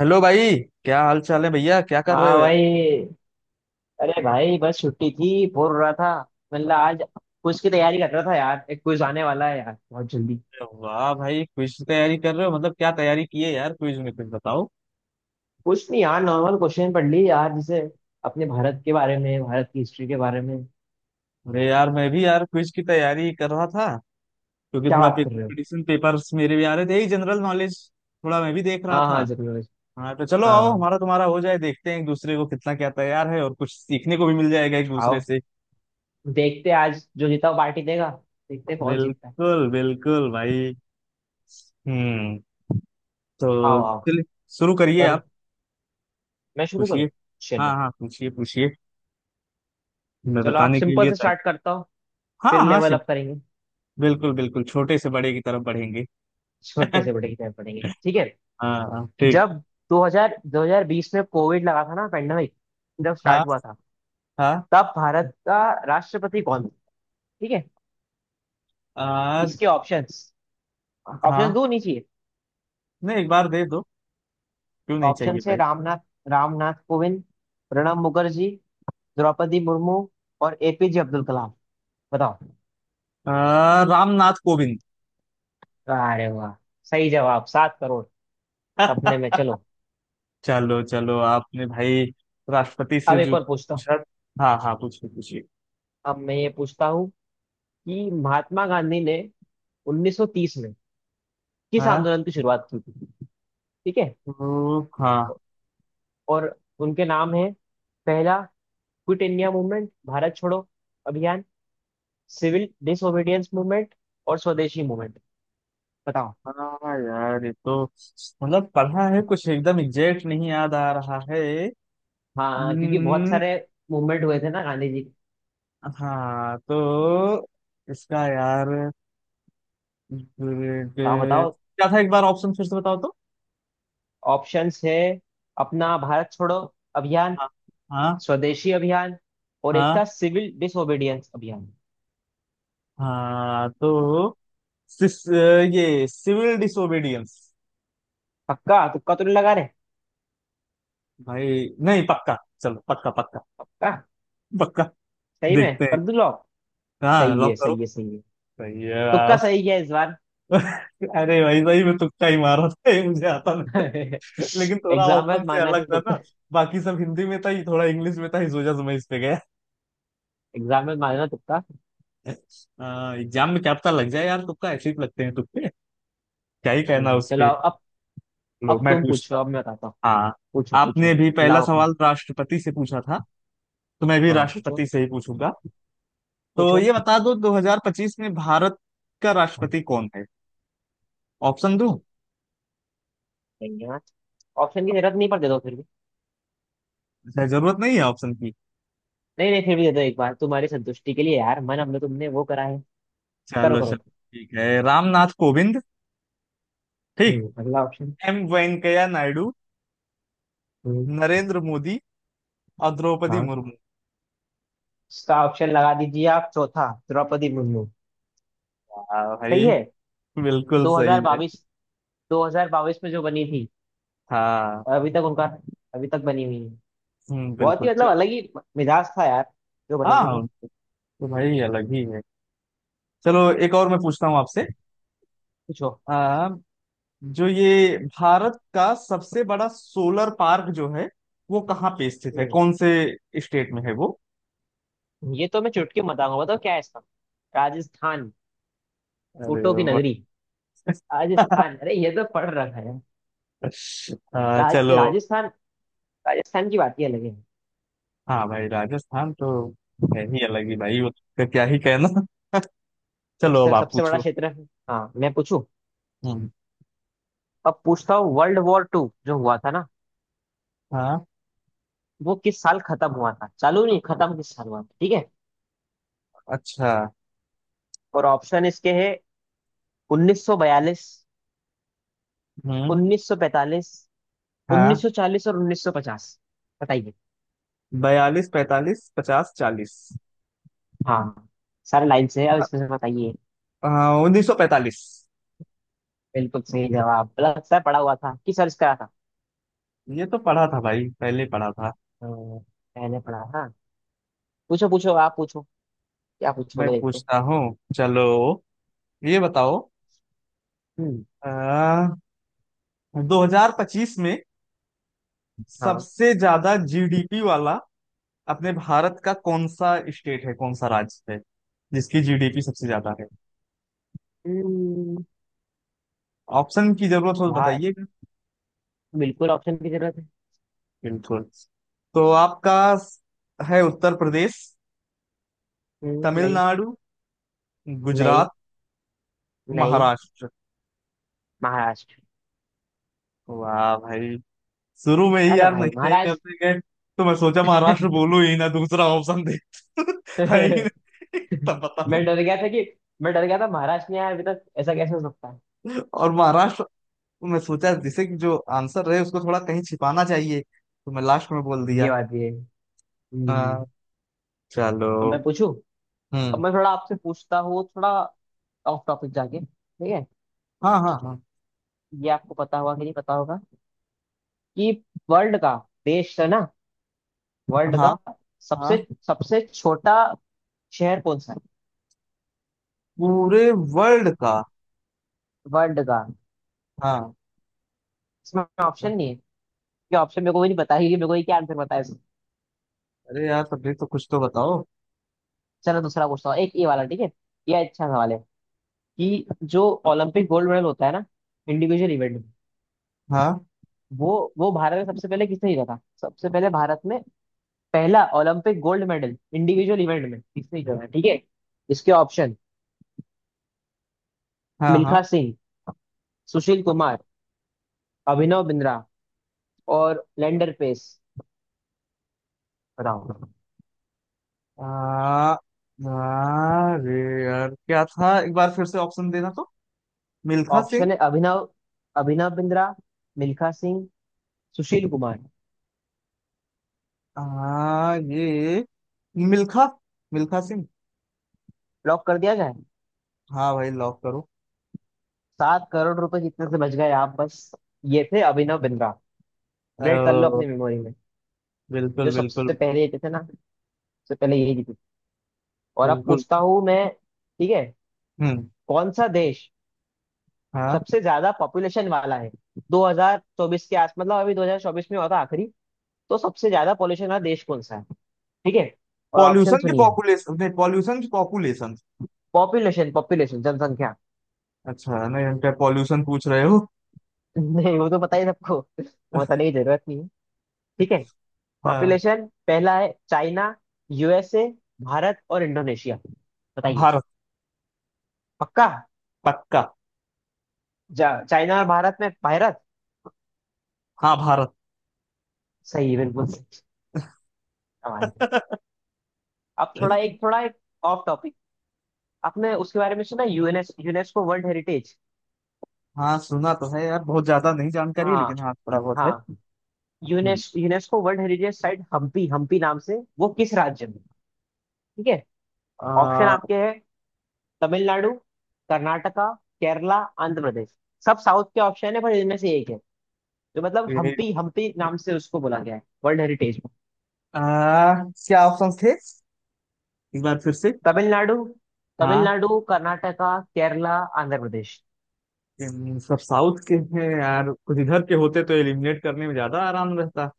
Hello भाई। क्या हाल चाल है भैया? क्या कर रहे हो हाँ यार? भाई। अरे भाई, बस छुट्टी थी, बोर हो रहा था। मतलब आज कुछ की तैयारी कर रहा था यार, एक क्विज आने वाला है यार, बहुत जल्दी। अरे वाह भाई, क्विज की तैयारी कर रहे हो, मतलब क्या तैयारी की है यार क्विज में? कुछ बताओ। कुछ नहीं यार, नॉर्मल क्वेश्चन पढ़ ली यार, जैसे अपने भारत के बारे में, भारत की हिस्ट्री के बारे में। अरे यार, मैं भी यार क्विज की तैयारी कर रहा था, क्योंकि क्या थोड़ा बात कर रहे हो। कंपटीशन पेपर्स मेरे भी आ रहे थे, यही जनरल नॉलेज। थोड़ा मैं भी देख रहा हाँ था। हाँ, जरूर। हाँ, तो चलो आओ, हाँ, हमारा तुम्हारा हो जाए, देखते हैं एक दूसरे को कितना क्या तैयार है, और कुछ सीखने को भी मिल जाएगा एक दूसरे आओ। से। देखते हैं आज जो जीता वो पार्टी देगा। देखते हैं कौन जीतता है। बिल्कुल बिल्कुल भाई। हम्म। आओ तो, आओ। चलिए, शुरू करिए करो, आप। मैं शुरू करूँ? पूछिए। हाँ चलो, हाँ, पूछिए पूछिए। मैं चलो आप बताने के सिंपल लिए से तैयार। स्टार्ट करता हूँ। हाँ फिर हाँ। लेवल अप करेंगे। बिल्कुल बिल्कुल, छोटे से बड़े की तरफ बढ़ेंगे। छोटे से बड़े की तरफ बढ़ेंगे, ठीक है। हाँ, ठीक। जब 2000 2020 में कोविड लगा था ना, पेंडेमिक जब हाँ स्टार्ट हुआ था, हाँ। तब भारत का राष्ट्रपति कौन था? ठीक है। आ, इसके ऑप्शंस। ऑप्शंस हाँ। दो, नहीं चाहिए? नहीं, एक बार दे दो। क्यों नहीं चाहिए ऑप्शंस है, भाई? रामनाथ रामनाथ कोविंद, प्रणब मुखर्जी, द्रौपदी मुर्मू और एपीजे अब्दुल कलाम। बताओ। रामनाथ कोविंद। अरे वाह! सही जवाब। 7 करोड़ सपने में। चलो। चलो चलो आपने भाई, राष्ट्रपति से अब एक जो और पूछता हूँ। पूछा। हाँ हाँ, पूछिए पूछिए। अब मैं ये पूछता हूँ कि महात्मा गांधी ने 1930 में किस हाँ। आंदोलन की शुरुआत की थी? ठीक है। तो हाँ, और उनके नाम है, पहला क्विट इंडिया मूवमेंट भारत छोड़ो अभियान, सिविल डिसोबीडियंस मूवमेंट और स्वदेशी मूवमेंट। बताओ। हाँ यार ये तो, मतलब पढ़ा है, कुछ एकदम एग्जैक्ट नहीं याद आ रहा है। हाँ, क्योंकि बहुत हम्म, सारे मूवमेंट हुए थे ना गांधी जी के। हाँ, तो इसका यार ग्रेड तो आप बताओ। क्या था? एक बार ऑप्शन फिर से बताओ तो। ऑप्शंस है अपना भारत छोड़ो अभियान, हाँ हाँ। स्वदेशी अभियान और एक हाँ था सिविल डिसोबीडियंस अभियान। हाँ। तो सिस, ये सिविल डिसोबीडियंस। पक्का? तुक्का तो नहीं लगा रहे? भाई, नहीं पक्का। चलो, पक्का पक्का। पक्का? पक्का। सही में देखते हैं। कर दूं लॉक? हाँ, सही लॉक है, करो। सही है, सही है। सही है तुक्का आप। सही है इस बार। अरे भाई भाई, मैं तुक्का ही मारा था, ये मुझे आता नहीं था। लेकिन थोड़ा एग्जाम ऑप्शन में से मानना अलग से था तुक्का ना। बाकी सब हिंदी में था, ये थोड़ा इंग्लिश में था, इस वजह से मैं इस पे गया। एग्जाम में मानना तुक्का। एग्जाम में क्या पता लग जाए यार, तुक्का ऐसे ही लगते हैं तुक्के। क्या ही कहना चलो, उसके। लो अब मैं तुम पूछो, पूछता। अब मैं बताता हूँ। हाँ। पूछो आपने पूछो। भी पहला लाओ अपनी। सवाल राष्ट्रपति से पूछा था, तो मैं भी हाँ पूछो राष्ट्रपति से ही पूछूंगा। तो पूछो ये बता दो, 2025 में भारत का राष्ट्रपति कौन है? ऑप्शन दूं? यार। ऑप्शन की जरूरत नहीं, पर दे दो फिर भी। अच्छा, जरूरत नहीं है ऑप्शन की। नहीं नहीं, फिर भी दे दो एक बार, तुम्हारी संतुष्टि के लिए यार, मन हमने तुमने वो करा है। करो चलो करो। चलो। ठीक है, रामनाथ कोविंद। ठीक। अगला ऑप्शन। एम वेंकैया नायडू। हम्म, नरेंद्र मोदी और द्रौपदी हाँ। मुर्मू। इसका ऑप्शन लगा दीजिए आप, चौथा, द्रौपदी मुर्मू। हाँ भाई। सही है। बिल्कुल सही है। 2022 2022 में जो बनी थी, हाँ। और अभी तक बनी हुई है। बहुत बिल्कुल, ही मतलब चलो। अलग ही मिजाज था यार, जो बने थे तो। हाँ, तो भाई अलग ही है। चलो, एक और मैं पूछता हूँ आपसे। पूछो। जो ये भारत का सबसे बड़ा सोलर पार्क जो है, वो कहाँ पे स्थित है? हम्म। कौन से स्टेट में है वो? ये तो मैं चुटकी में बताऊंगा। बताओ क्या है इसका। राजस्थान, अरे ऊँटों की वाह। नगरी। राजस्थान, अरे ये तो पढ़ रखा है। चलो। राजस्थान, राजस्थान की बात ही अलग है। हाँ भाई, राजस्थान तो है ही अलग ही भाई, उसका क्या ही कहना। चलो, अब सबसे आप सबसे बड़ा पूछो। क्षेत्र है। हाँ, मैं पूछूं? हम्म। अब पूछता हूँ, वर्ल्ड वॉर टू जो हुआ था ना, हाँ। वो किस साल खत्म हुआ था? चालू नहीं, खत्म किस साल हुआ था, ठीक है। अच्छा। और ऑप्शन इसके है, 1942, हम्म। 1945, हाँ। 1940 और 1950। बताइए। 42, 45, 50, 40। हाँ, सारे लाइन से है, अब इसमें से बताइए। 1945। बिल्कुल सही जवाब। लगता है पढ़ा हुआ था, किस साल इसका था। ये तो पढ़ा था भाई, पहले पढ़ा था। हाँ, मैंने पढ़ा था। पूछो पूछो, आप पूछो क्या मैं पूछोगे देखते हैं। पूछता हूँ। चलो, ये बताओ, हम्म, 2025 में हाँ, सबसे ज्यादा जीडीपी वाला, अपने भारत का कौन सा स्टेट है, कौन सा राज्य है जिसकी जीडीपी सबसे ज्यादा है? हम्म। ऑप्शन की जरूरत हो तो भार बताइएगा। बिल्कुल ऑप्शन की जरूरत है। बिल्कुल। तो आपका है उत्तर प्रदेश, हम्म, नहीं, तमिलनाडु, नहीं, गुजरात, नहीं। महाराष्ट्र। महाराष्ट्र। वाह भाई, शुरू में ही अरे यार भाई, नहीं नहीं महाराष्ट्र। करते गए, तो मैं सोचा महाराष्ट्र बोलूं ही ना, दूसरा ऑप्शन दे। है ही नहीं। तब बता। मैं डर गया था कि मैं डर गया था, महाराष्ट्र में यार अभी तक ऐसा कैसे हो सकता है। और महाराष्ट्र, तो मैं सोचा जैसे कि जो आंसर रहे उसको थोड़ा कहीं छिपाना चाहिए, तो मैं लास्ट में बोल दिया। ये बात ये है। हाँ। हम्म चलो। अब मैं पूछूं। अब हम्म। मैं थोड़ा आपसे पूछता हूँ, थोड़ा ऑफ टॉपिक जाके, ठीक है। हाँ हाँ हाँ। ये आपको पता होगा कि नहीं पता होगा, कि वर्ल्ड का देश है ना, वर्ल्ड का हाँ। सबसे हाँ। सबसे छोटा शहर कौन सा है पूरे वर्ल्ड का? वर्ल्ड का? हाँ। इसमें ऑप्शन नहीं है, क्या ऑप्शन। मेरे को भी नहीं पता है कि मेरे को ये क्या आंसर पता है इसमें। अरे यार, तब भी तो कुछ तो बताओ। चलो दूसरा पूछता हूँ, एक ये वाला, ठीक है। ये अच्छा सवाल है। कि जो ओलंपिक गोल्ड मेडल होता है ना, इंडिविजुअल इवेंट में, हाँ वो वो भारत में सबसे पहले किसने जीता था, सबसे पहले भारत में पहला Olympic gold medal individual event में किसने जीता था, ठीक है। इसके ऑप्शन हाँ। हाँ। मिल्खा सिंह, सुशील कुमार, अभिनव बिंद्रा और लैंडर पेस। बताओ। आ, आ, अरे यार क्या था, एक बार फिर से ऑप्शन देना तो। मिल्खा सिंह। ऑप्शन है अभिनव अभिनव बिंद्रा, मिल्खा सिंह, सुशील कुमार। ये मिल्खा मिल्खा सिंह। लॉक कर दिया जाए? हाँ भाई, लॉक करो। 7 करोड़ रुपए जितने से बच गए आप बस। ये थे अभिनव बिंद्रा। अपडेट कर लो अ, अपनी मेमोरी में। जो बिल्कुल बिल्कुल। सबसे पहले जीते थे ना, सबसे पहले यही जीते। और अब बिल्कुल। पूछता हूँ मैं, ठीक है। हम्म। कौन सा देश हाँ। सबसे ज्यादा पॉपुलेशन वाला है? 2024 के आस मतलब अभी 2024 में हुआ था आखिरी। तो सबसे ज्यादा पॉपुलेशन वाला देश कौन सा है, ठीक है। और ऑप्शन पॉल्यूशन की सुनिए। पॉपुलेशन, नहीं, पॉल्यूशन की पॉपुलेशन। पॉपुलेशन, पॉपुलेशन, जनसंख्या। अच्छा नहीं, हम क्या पॉल्यूशन पूछ रहे हो? नहीं, वो तो पता ही सबको, वो बताने की जरूरत नहीं है, ठीक है। हाँ, पॉपुलेशन। पहला है चाइना, यूएसए, भारत और इंडोनेशिया। बताइए। भारत। पक्का। पक्का। चाइना और भारत में, भारत। हाँ, भारत। सही है, बिल्कुल सही। आवाज है। अब थोड़ा एक ऑफ टॉपिक। आपने उसके बारे में सुना यूनेस्को वर्ल्ड हेरिटेज? हाँ, सुना तो है यार, बहुत ज्यादा नहीं जानकारी है, हाँ, लेकिन हाँ थोड़ा बहुत है। हाँ। हम्म। UNESCO world heritage site Hampi, Hampi नाम से वो किस राज्य में, ठीक है। ऑप्शन आ, आपके हैं, तमिलनाडु, कर्नाटका, केरला, आंध्र प्रदेश। सब साउथ के ऑप्शन है, पर इनमें से एक है। तो मतलब यही। हम्पी, हम्पी नाम से उसको बोला गया है वर्ल्ड हेरिटेज में। आ, क्या ऑप्शन थे एक बार फिर से? तमिलनाडु, हाँ। तमिलनाडु, कर्नाटका, केरला, आंध्र प्रदेश। इन सब साउथ के हैं यार, कुछ इधर के होते तो एलिमिनेट करने में ज्यादा आराम रहता।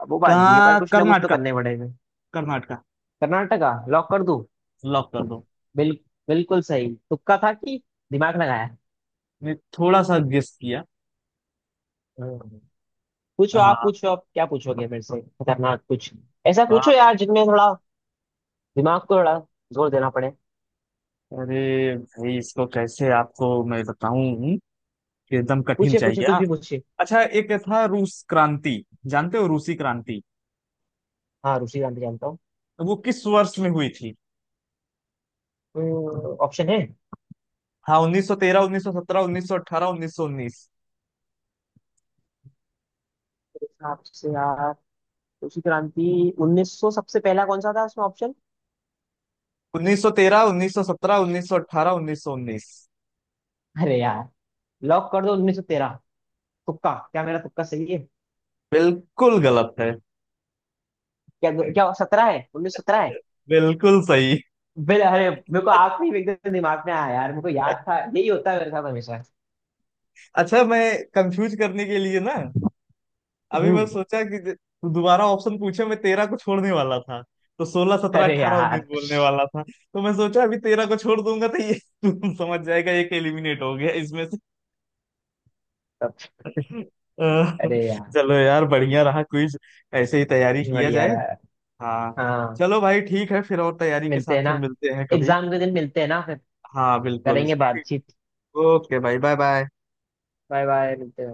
अब वो बात भी है, पर कहाँ, कुछ ना कुछ तो कर्नाटका। करने पड़ेगा। कर्नाटका। कर्नाटका लॉक कर दूं? लॉक कर दो। बिल, बिल्कुल सही। तुक्का था कि दिमाग लगाया? मैं थोड़ा सा गेस किया। हम्म। हाँ। पूछो आप क्या पूछोगे मेरे से, खतरनाक कुछ। ऐसा पूछो यार जिनमें थोड़ा दिमाग को थोड़ा जोर देना पड़े। अरे भाई, इसको कैसे आपको मैं बताऊं कि एकदम कठिन पूछे पूछे, चाहिए, कुछ हाँ। भी पूछे। अच्छा, एक था रूस क्रांति, जानते हो रूसी क्रांति? हाँ, रुचि जानते जानता हूँ। तो वो किस वर्ष में हुई थी? ऑप्शन है मेरे हाँ, 1913, 1917, 1918, 1919। हिसाब से यार, कृषि क्रांति। 1900? सबसे पहला कौन सा था उसमें ऑप्शन? 1913, 1917, 1918, 1919। अरे यार, लॉक कर दो 1913। तुक्का, क्या मेरा तुक्का सही है? बिल्कुल गलत है। क्या क्या सत्रह है, 1917 है? बिल्कुल सही। बिल अरे मेरे को आखिरी में एकदम दिमाग में आया यार, मेरे को याद था, यही होता है मेरे साथ हमेशा। अच्छा, मैं कंफ्यूज करने के लिए ना, अभी मैं हम्म। सोचा कि तू दोबारा ऑप्शन पूछे, मैं 13 को छोड़ने वाला था। तो 16, 17, अरे 18, 19 यार, बोलने वाला था, तो मैं सोचा अभी 13 को छोड़ दूंगा तो ये। तू समझ जाएगा एक एलिमिनेट हो गया इसमें से। अह, अरे यार, चलो यार, बढ़िया रहा क्विज। ऐसे ही तैयारी किया बढ़िया जाए। यार। हाँ। हाँ। चलो भाई, ठीक है, फिर और तैयारी के साथ मिलते हैं ना। फिर मिलते हैं कभी। एग्जाम के दिन मिलते हैं ना फिर, हाँ, बिल्कुल। करेंगे बातचीत। ओके भाई, बाय बाय। बाय बाय, मिलते हैं।